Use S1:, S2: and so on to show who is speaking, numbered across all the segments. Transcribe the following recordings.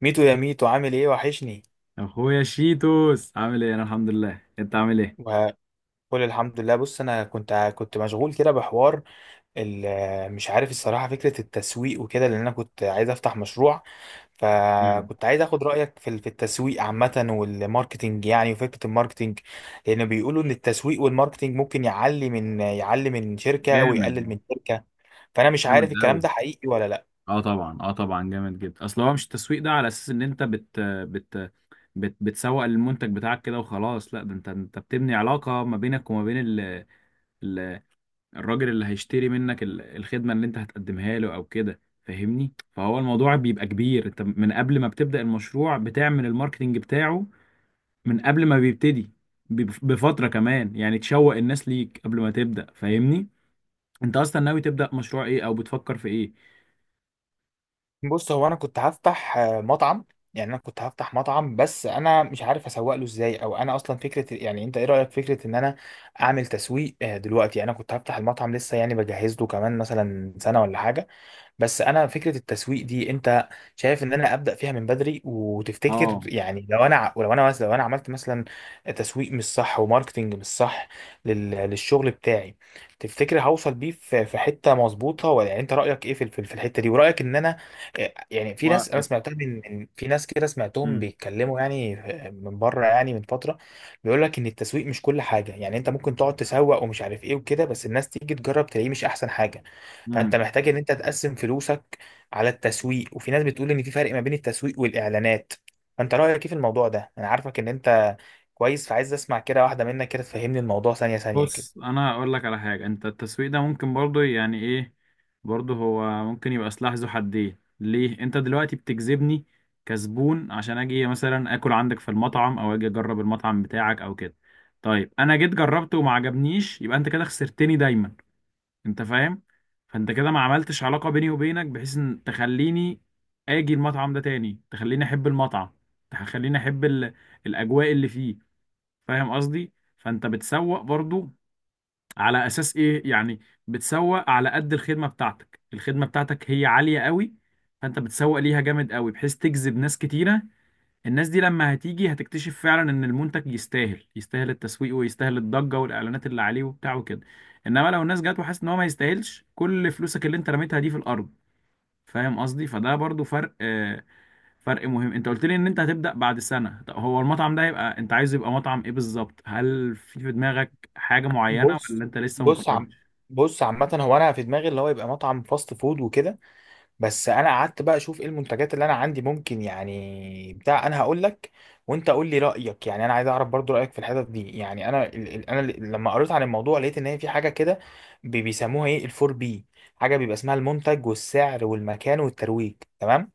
S1: ميتو يا ميتو، عامل ايه؟ وحشني
S2: اخويا شيتوس عامل ايه؟ انا الحمد لله. انت عامل ايه؟
S1: وقول. الحمد لله. بص انا كنت مشغول كده بحوار مش عارف الصراحه فكره التسويق وكده، لان انا كنت عايز افتح مشروع.
S2: مم.
S1: فكنت عايز اخد رايك في في التسويق عامه والماركتينج، يعني وفكره الماركتينج. لان بيقولوا ان التسويق والماركتينج ممكن يعلي من شركه ويقلل
S2: جامد.
S1: من شركه. فانا مش
S2: جامد
S1: عارف الكلام
S2: قوي.
S1: ده حقيقي ولا لا.
S2: اه طبعا اه طبعا جامد جدا. اصل هو مش التسويق ده على اساس ان انت بت بت, بت بتسوق المنتج بتاعك كده وخلاص. لا، ده انت بتبني علاقة ما بينك وما بين ال... الراجل اللي هيشتري منك الخدمة اللي انت هتقدمها له او كده، فاهمني؟ فهو الموضوع بيبقى كبير. انت من قبل ما بتبدأ المشروع بتعمل الماركتينج بتاعه، من قبل ما بيبتدي بفترة كمان، يعني تشوق الناس ليك قبل ما تبدأ. فاهمني؟ انت اصلا ناوي تبدأ مشروع ايه او بتفكر في ايه؟
S1: بص، هو انا كنت هفتح مطعم. يعني انا كنت هفتح مطعم بس انا مش عارف اسوق له ازاي، او انا اصلا فكره، يعني انت ايه رايك فكره ان انا اعمل تسويق دلوقتي. يعني انا كنت هفتح المطعم لسه، يعني بجهز له كمان مثلا سنه ولا حاجه. بس انا فكره التسويق دي، انت شايف ان انا ابدا فيها من بدري؟ وتفتكر
S2: اه.
S1: يعني لو انا ولو انا مثلا، لو انا عملت مثلا تسويق مش صح وماركتنج مش صح للشغل بتاعي، تفتكر هوصل بيه في حته مظبوطه؟ ولا يعني انت رايك ايه في في الحته دي؟ ورايك ان انا يعني في
S2: و...
S1: ناس انا سمعتها في ناس كده سمعتهم
S2: مم.
S1: بيتكلموا، يعني من بره يعني من فتره، بيقول لك ان التسويق مش كل حاجه. يعني انت ممكن تقعد تسوق ومش عارف ايه وكده، بس الناس تيجي تجرب تلاقيه مش احسن حاجه. فانت
S2: مم.
S1: محتاج ان انت تقسم فلوسك على التسويق. وفي ناس بتقول ان في فرق ما بين التسويق والاعلانات. فانت رايك ايه في الموضوع ده؟ انا عارفك ان انت كويس، فعايز اسمع كده واحده منك كده، تفهمني الموضوع ثانيه ثانيه كده.
S2: بص انا اقول لك على حاجة. انت التسويق ده ممكن برضه، يعني ايه، برضه هو ممكن يبقى سلاح ذو حدين. ليه؟ انت دلوقتي بتجذبني كزبون عشان اجي مثلا اكل عندك في المطعم او اجي اجرب المطعم بتاعك او كده. طيب انا جيت جربته وما عجبنيش، يبقى انت كده خسرتني دايما. انت فاهم؟ فانت كده ما عملتش علاقة بيني وبينك بحيث ان تخليني اجي المطعم ده تاني، تخليني احب المطعم، تخليني احب الاجواء اللي فيه. فاهم قصدي؟ فانت بتسوق برضو على اساس ايه يعني. بتسوق على قد الخدمة بتاعتك. الخدمة بتاعتك هي عالية قوي، فانت بتسوق ليها جامد قوي بحيث تجذب ناس كتيرة. الناس دي لما هتيجي هتكتشف فعلا ان المنتج يستاهل، يستاهل التسويق ويستاهل الضجة والاعلانات اللي عليه وبتاع وكده. انما لو الناس جت وحاسه ان هو ما يستاهلش، كل فلوسك اللي انت رميتها دي في الارض. فاهم قصدي؟ فده برضو فرق، فرق مهم. انت قلت لي ان انت هتبدأ بعد سنة، طب هو المطعم ده يبقى انت عايزه يبقى مطعم ايه بالظبط؟ هل في في دماغك حاجة معينة ولا
S1: بص
S2: انت لسه
S1: بص عم
S2: مقررتش؟
S1: بص، عامة هو أنا في دماغي اللي هو يبقى مطعم فاست فود وكده. بس انا قعدت بقى اشوف ايه المنتجات اللي انا عندي ممكن، يعني بتاع، انا هقول لك وانت قول لي رايك. يعني انا عايز اعرف برضو رايك في الحتت دي. يعني انا لما قريت عن الموضوع لقيت ان هي في حاجه كده بيسموها ايه الفور بي. حاجه بيبقى اسمها المنتج والسعر والمكان والترويج. تمام.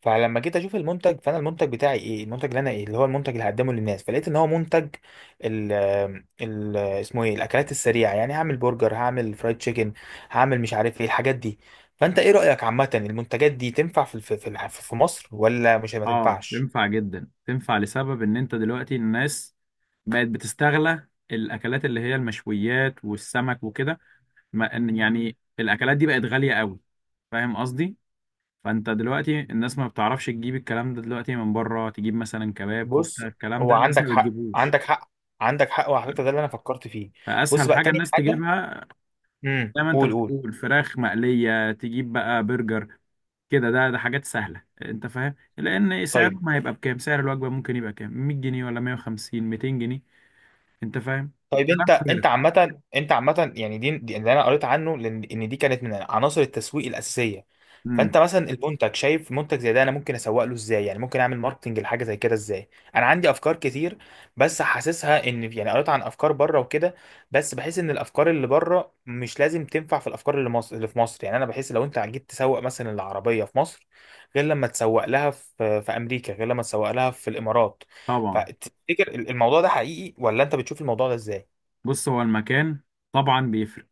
S1: فلما جيت اشوف المنتج، فانا المنتج بتاعي ايه، المنتج اللي انا ايه، اللي هو المنتج اللي هقدمه للناس. فلقيت ان هو منتج ال ال اسمه ايه، الاكلات السريعه. يعني هعمل برجر، هعمل فرايد تشيكن، هعمل مش عارف ايه الحاجات دي. فانت ايه رايك عامه، المنتجات دي تنفع في مصر، ولا مش ما
S2: اه،
S1: تنفعش؟
S2: تنفع جدا. تنفع لسبب ان انت دلوقتي الناس بقت بتستغلى الاكلات اللي هي المشويات والسمك وكده. ما إن- يعني الاكلات دي بقت غاليه قوي. فاهم قصدي؟ فانت دلوقتي الناس ما بتعرفش تجيب الكلام ده دلوقتي من بره، تجيب مثلا كباب
S1: بص
S2: كفته، الكلام
S1: هو،
S2: ده الناس
S1: عندك
S2: ما
S1: حق،
S2: بتجيبوش.
S1: عندك حق. عندك حق، وعلى فكره ده اللي انا فكرت فيه. بص
S2: فاسهل
S1: بقى،
S2: حاجه
S1: تاني
S2: الناس
S1: حاجه.
S2: تجيبها،
S1: امم،
S2: زي ما انت
S1: قول قول.
S2: بتقول، فراخ مقليه، تجيب بقى برجر كده. ده حاجات سهله انت فاهم، لان
S1: طيب.
S2: سعرهم هيبقى بكام؟ سعر الوجبه ممكن يبقى كام، 100 جنيه ولا 150 200 جنيه؟ انت فاهم؟
S1: طيب
S2: كلام
S1: انت انت
S2: فارغ.
S1: عامة انت عامة، يعني دي اللي انا قريت عنه، لان ان دي كانت من عناصر التسويق الاساسية.
S2: امم
S1: فانت مثلا المنتج، شايف منتج زي ده انا ممكن اسوق له ازاي؟ يعني ممكن اعمل ماركتنج لحاجة زي كده ازاي؟ انا عندي افكار كتير، بس حاسسها ان، يعني قريت عن افكار بره وكده، بس بحس ان الافكار اللي بره مش لازم تنفع في الافكار اللي مصر، اللي في مصر. يعني انا بحس لو انت جيت تسوق مثلا العربية في مصر، غير لما تسوق لها في في امريكا، غير لما تسوق لها في الامارات.
S2: طبعا.
S1: فتفتكر الموضوع ده حقيقي، ولا انت بتشوف الموضوع ده ازاي؟
S2: بص هو المكان طبعا بيفرق.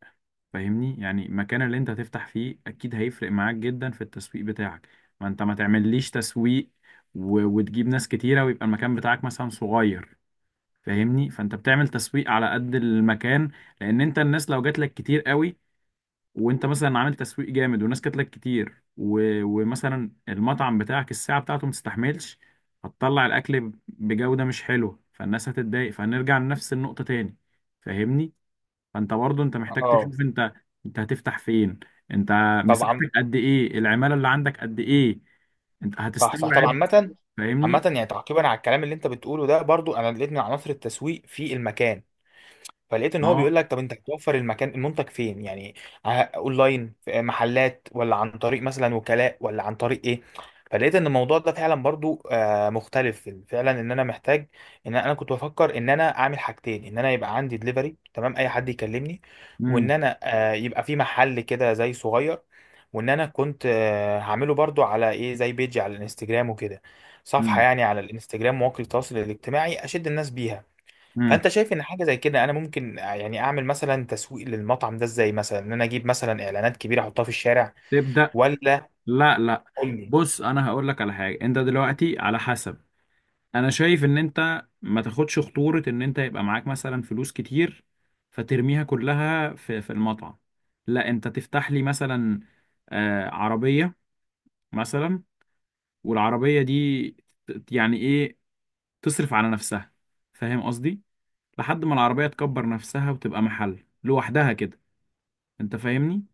S2: فاهمني؟ يعني المكان اللي انت هتفتح فيه اكيد هيفرق معاك جدا في التسويق بتاعك. ما انت ما تعمليش تسويق وتجيب ناس كتيرة ويبقى المكان بتاعك مثلا صغير. فاهمني؟ فانت بتعمل تسويق على قد المكان. لان انت الناس لو جات لك كتير قوي، وانت مثلا عامل تسويق جامد والناس جات لك كتير، ومثلا المطعم بتاعك الساعة بتاعته ما تستحملش، هتطلع الاكل بجودة مش حلوة، فالناس هتتضايق، فهنرجع لنفس النقطة تاني. فاهمني؟ فانت برضه انت محتاج
S1: اه
S2: تشوف انت، انت هتفتح فين؟ انت
S1: طبعا.
S2: مساحتك قد ايه؟ العمالة اللي عندك قد ايه؟ انت
S1: صح صح، طبعا.
S2: هتستوعب؟
S1: عامة عامة،
S2: فاهمني؟
S1: يعني تعقيبا على الكلام اللي انت بتقوله ده، برضو انا لقيت من عناصر التسويق في المكان. فلقيت ان هو بيقول
S2: اه.
S1: لك طب انت هتوفر المكان، المنتج فين يعني، اونلاين؟ في محلات؟ ولا عن طريق مثلا وكلاء؟ ولا عن طريق ايه؟ فلقيت ان الموضوع ده فعلا برضو مختلف فعلا. ان انا محتاج، ان انا كنت بفكر ان انا اعمل حاجتين: ان انا يبقى عندي دليفري، تمام، اي حد يكلمني. وان
S2: امم
S1: انا يبقى في محل كده زي صغير. وان انا كنت هعمله برضو على ايه زي، بيجي على الانستجرام وكده. صفحة
S2: امم
S1: يعني على الانستجرام، مواقع التواصل الاجتماعي اشد الناس بيها.
S2: امم
S1: فانت شايف ان حاجة زي كده انا ممكن يعني اعمل مثلا تسويق للمطعم ده ازاي؟ مثلا ان انا اجيب مثلا اعلانات كبيرة احطها في الشارع،
S2: تبدأ.
S1: ولا؟
S2: لا لا،
S1: قول لي.
S2: بص انا هقول لك على حاجة. انت دلوقتي على حسب، انا شايف ان انت ما تاخدش خطورة ان انت يبقى معاك مثلا فلوس كتير فترميها كلها في في المطعم. لا، انت تفتح لي مثلا آه عربية مثلا، والعربية دي يعني ايه، تصرف على نفسها. فاهم قصدي؟ لحد ما العربية تكبر نفسها وتبقى محل لوحدها كده. انت فاهمني؟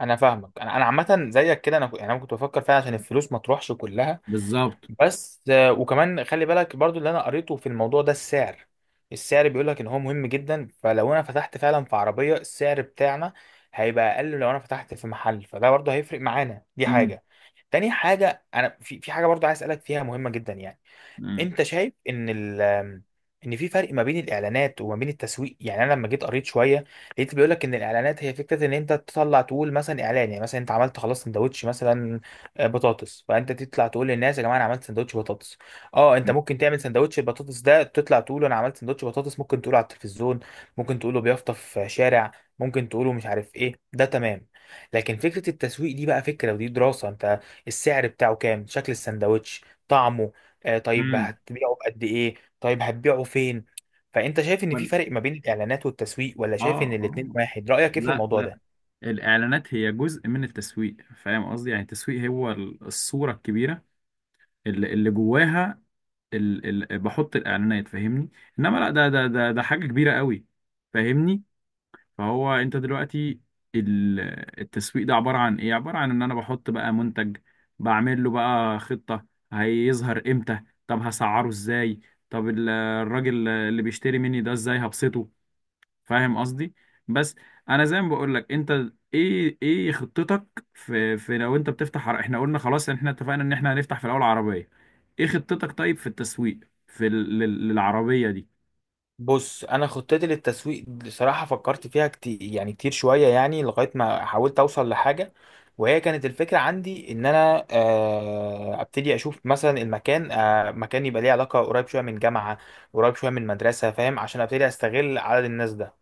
S1: انا فاهمك. انا عامة زيك كده. انا يعني انا كنت بفكر فيها عشان الفلوس ما تروحش كلها.
S2: بالظبط.
S1: بس وكمان خلي بالك برضو اللي انا قريته في الموضوع ده، السعر. السعر بيقول لك ان هو مهم جدا. فلو انا فتحت فعلا في عربية السعر بتاعنا هيبقى اقل. لو انا فتحت في محل فده برضو هيفرق معانا. دي
S2: امم
S1: حاجة. تاني حاجة، انا في حاجة برضو عايز اسالك فيها مهمة جدا يعني.
S2: امم
S1: انت شايف ان ان في فرق ما بين الاعلانات وما بين التسويق؟ يعني انا لما جيت قريت شويه، لقيت بيقول لك ان الاعلانات هي فكره ان انت تطلع تقول مثلا اعلان. يعني مثلا انت عملت خلاص سندوتش مثلا بطاطس. فانت تطلع تقول للناس يا جماعه، انا عملت سندوتش بطاطس. اه انت ممكن تعمل سندوتش البطاطس ده، تطلع تقول انا عملت سندوتش بطاطس، ممكن تقوله على التلفزيون، ممكن تقوله بيافطه في شارع، ممكن تقوله مش عارف ايه، ده تمام. لكن فكره التسويق دي بقى فكره، ودي دراسه: انت السعر بتاعه كام، شكل السندوتش، طعمه، آه طيب
S2: امم
S1: هتبيعه بقد ايه، طيب هتبيعه فين. فانت شايف ان في
S2: وال...
S1: فرق ما بين الاعلانات والتسويق، ولا شايف ان
S2: اه
S1: الاتنين
S2: اه.
S1: واحد؟ رأيك ايه في
S2: لا
S1: الموضوع
S2: لا،
S1: ده؟
S2: الاعلانات هي جزء من التسويق. فاهم قصدي؟ يعني التسويق هو الصورة الكبيرة اللي جواها، بحط الاعلانات. فاهمني؟ انما لا، ده حاجة كبيرة قوي. فاهمني؟ فهو انت دلوقتي ال- التسويق ده عبارة عن ايه؟ عبارة عن ان انا بحط بقى منتج، بعمل له بقى خطة، هيظهر امتى، طب هسعره ازاي، طب الراجل اللي بيشتري مني ده ازاي هبسطه. فاهم قصدي؟ بس انا زي ما بقول لك، انت ايه ايه خطتك في لو انت بتفتح احنا قلنا خلاص ان احنا اتفقنا ان احنا هنفتح في الاول عربية. ايه خطتك طيب في التسويق في للعربية دي؟
S1: بص انا خطتي للتسويق بصراحه فكرت فيها كتير، يعني كتير شويه، يعني لغايه ما حاولت اوصل لحاجه. وهي كانت الفكره عندي ان انا ابتدي اشوف مثلا المكان، مكان يبقى ليه علاقه قريب شويه من جامعه، قريب شويه من مدرسه، فاهم، عشان ابتدي استغل عدد الناس ده.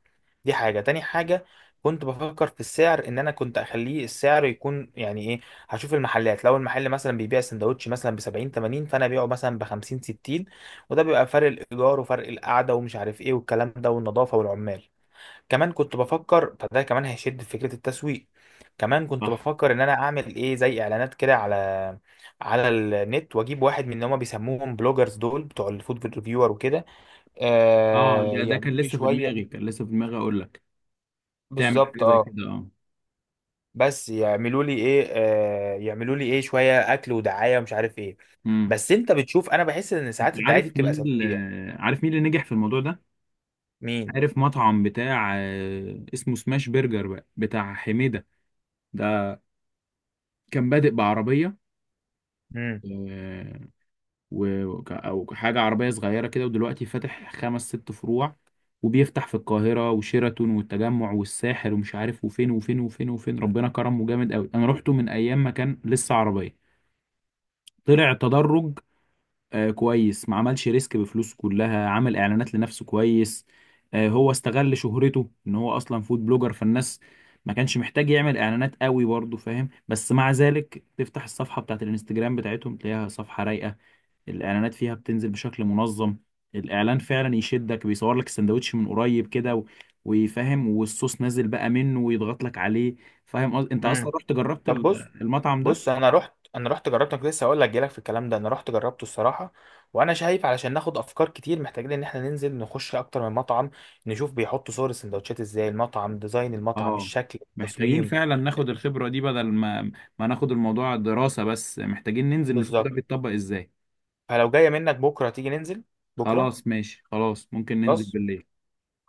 S1: دي حاجة. تاني حاجة، كنت بفكر في السعر ان انا كنت اخليه السعر يكون يعني ايه، هشوف المحلات، لو المحل مثلا بيبيع سندوتش مثلا ب 70 80، فانا ابيعه مثلا ب 50 60. وده بيبقى فرق الايجار وفرق القعده ومش عارف ايه والكلام ده، والنظافه والعمال. كمان كنت بفكر فده كمان هيشد في فكره التسويق. كمان كنت
S2: صح.
S1: بفكر ان انا اعمل ايه زي اعلانات كده على على النت، واجيب واحد من اللي هما بيسموهم بلوجرز دول بتوع الفود ريفيور وكده،
S2: اه،
S1: آه
S2: ده كان
S1: يعملوا لي
S2: لسه في دماغي،
S1: شويه.
S2: كان لسه في دماغي اقول لك تعمل
S1: بالظبط
S2: حاجه زي
S1: اه.
S2: كده. اه.
S1: بس يعملوا لي ايه، آه يعملوا لي ايه، شويه اكل ودعايه ومش عارف ايه.
S2: امم
S1: بس انت بتشوف، انا بحس ان
S2: انت
S1: ساعات الدعايه دي
S2: عارف
S1: بتبقى
S2: مين اللي،
S1: سلبيه.
S2: عارف مين اللي نجح في الموضوع ده؟
S1: مين؟
S2: عارف مطعم بتاع اسمه سماش برجر بقى بتاع حميدة؟ ده كان بادئ بعربية.
S1: امم.
S2: آه، او حاجة عربية صغيرة كده، ودلوقتي فاتح خمس ست فروع، وبيفتح في القاهرة وشيراتون والتجمع والساحل ومش عارف وفين وفين وفين وفين. ربنا كرمه جامد قوي. انا روحته من ايام ما كان لسه عربية. طلع تدرج. كويس. ما عملش ريسك بفلوسه كلها، عمل اعلانات لنفسه كويس. هو استغل شهرته ان هو اصلا فود بلوجر، فالناس ما كانش محتاج يعمل اعلانات قوي برضه. فاهم؟ بس مع ذلك تفتح الصفحة بتاعت الانستجرام بتاعتهم تلاقيها صفحة رايقة، الاعلانات فيها بتنزل بشكل منظم، الاعلان فعلا يشدك، بيصور لك السندوتش من قريب كده ويفهم، والصوص نازل بقى منه ويضغط لك عليه. فاهم انت
S1: امم.
S2: اصلا رحت جربت
S1: طب بص.
S2: المطعم
S1: بص
S2: ده؟
S1: انا رحت انا رحت جربت. أنا كنت لسه هقول لك جالك في الكلام ده. انا رحت جربته الصراحه. وانا شايف علشان ناخد افكار كتير محتاجين ان احنا ننزل، نخش اكتر من مطعم، نشوف بيحطوا صور السندوتشات ازاي، المطعم، ديزاين المطعم،
S2: اه،
S1: الشكل،
S2: محتاجين
S1: التصميم.
S2: فعلا ناخد الخبرة دي، بدل ما ناخد الموضوع دراسة بس، محتاجين ننزل نشوف ده
S1: بالظبط.
S2: بيتطبق ازاي.
S1: فلو جايه منك بكره تيجي ننزل. بكره.
S2: خلاص ماشي. خلاص ممكن ننزل
S1: خلاص.
S2: بالليل.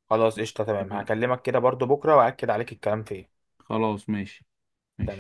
S1: خلاص قشطه، تمام.
S2: اتفقنا.
S1: هكلمك كده برضو بكره واكد عليك الكلام في ايه.
S2: خلاص ماشي. ماشي.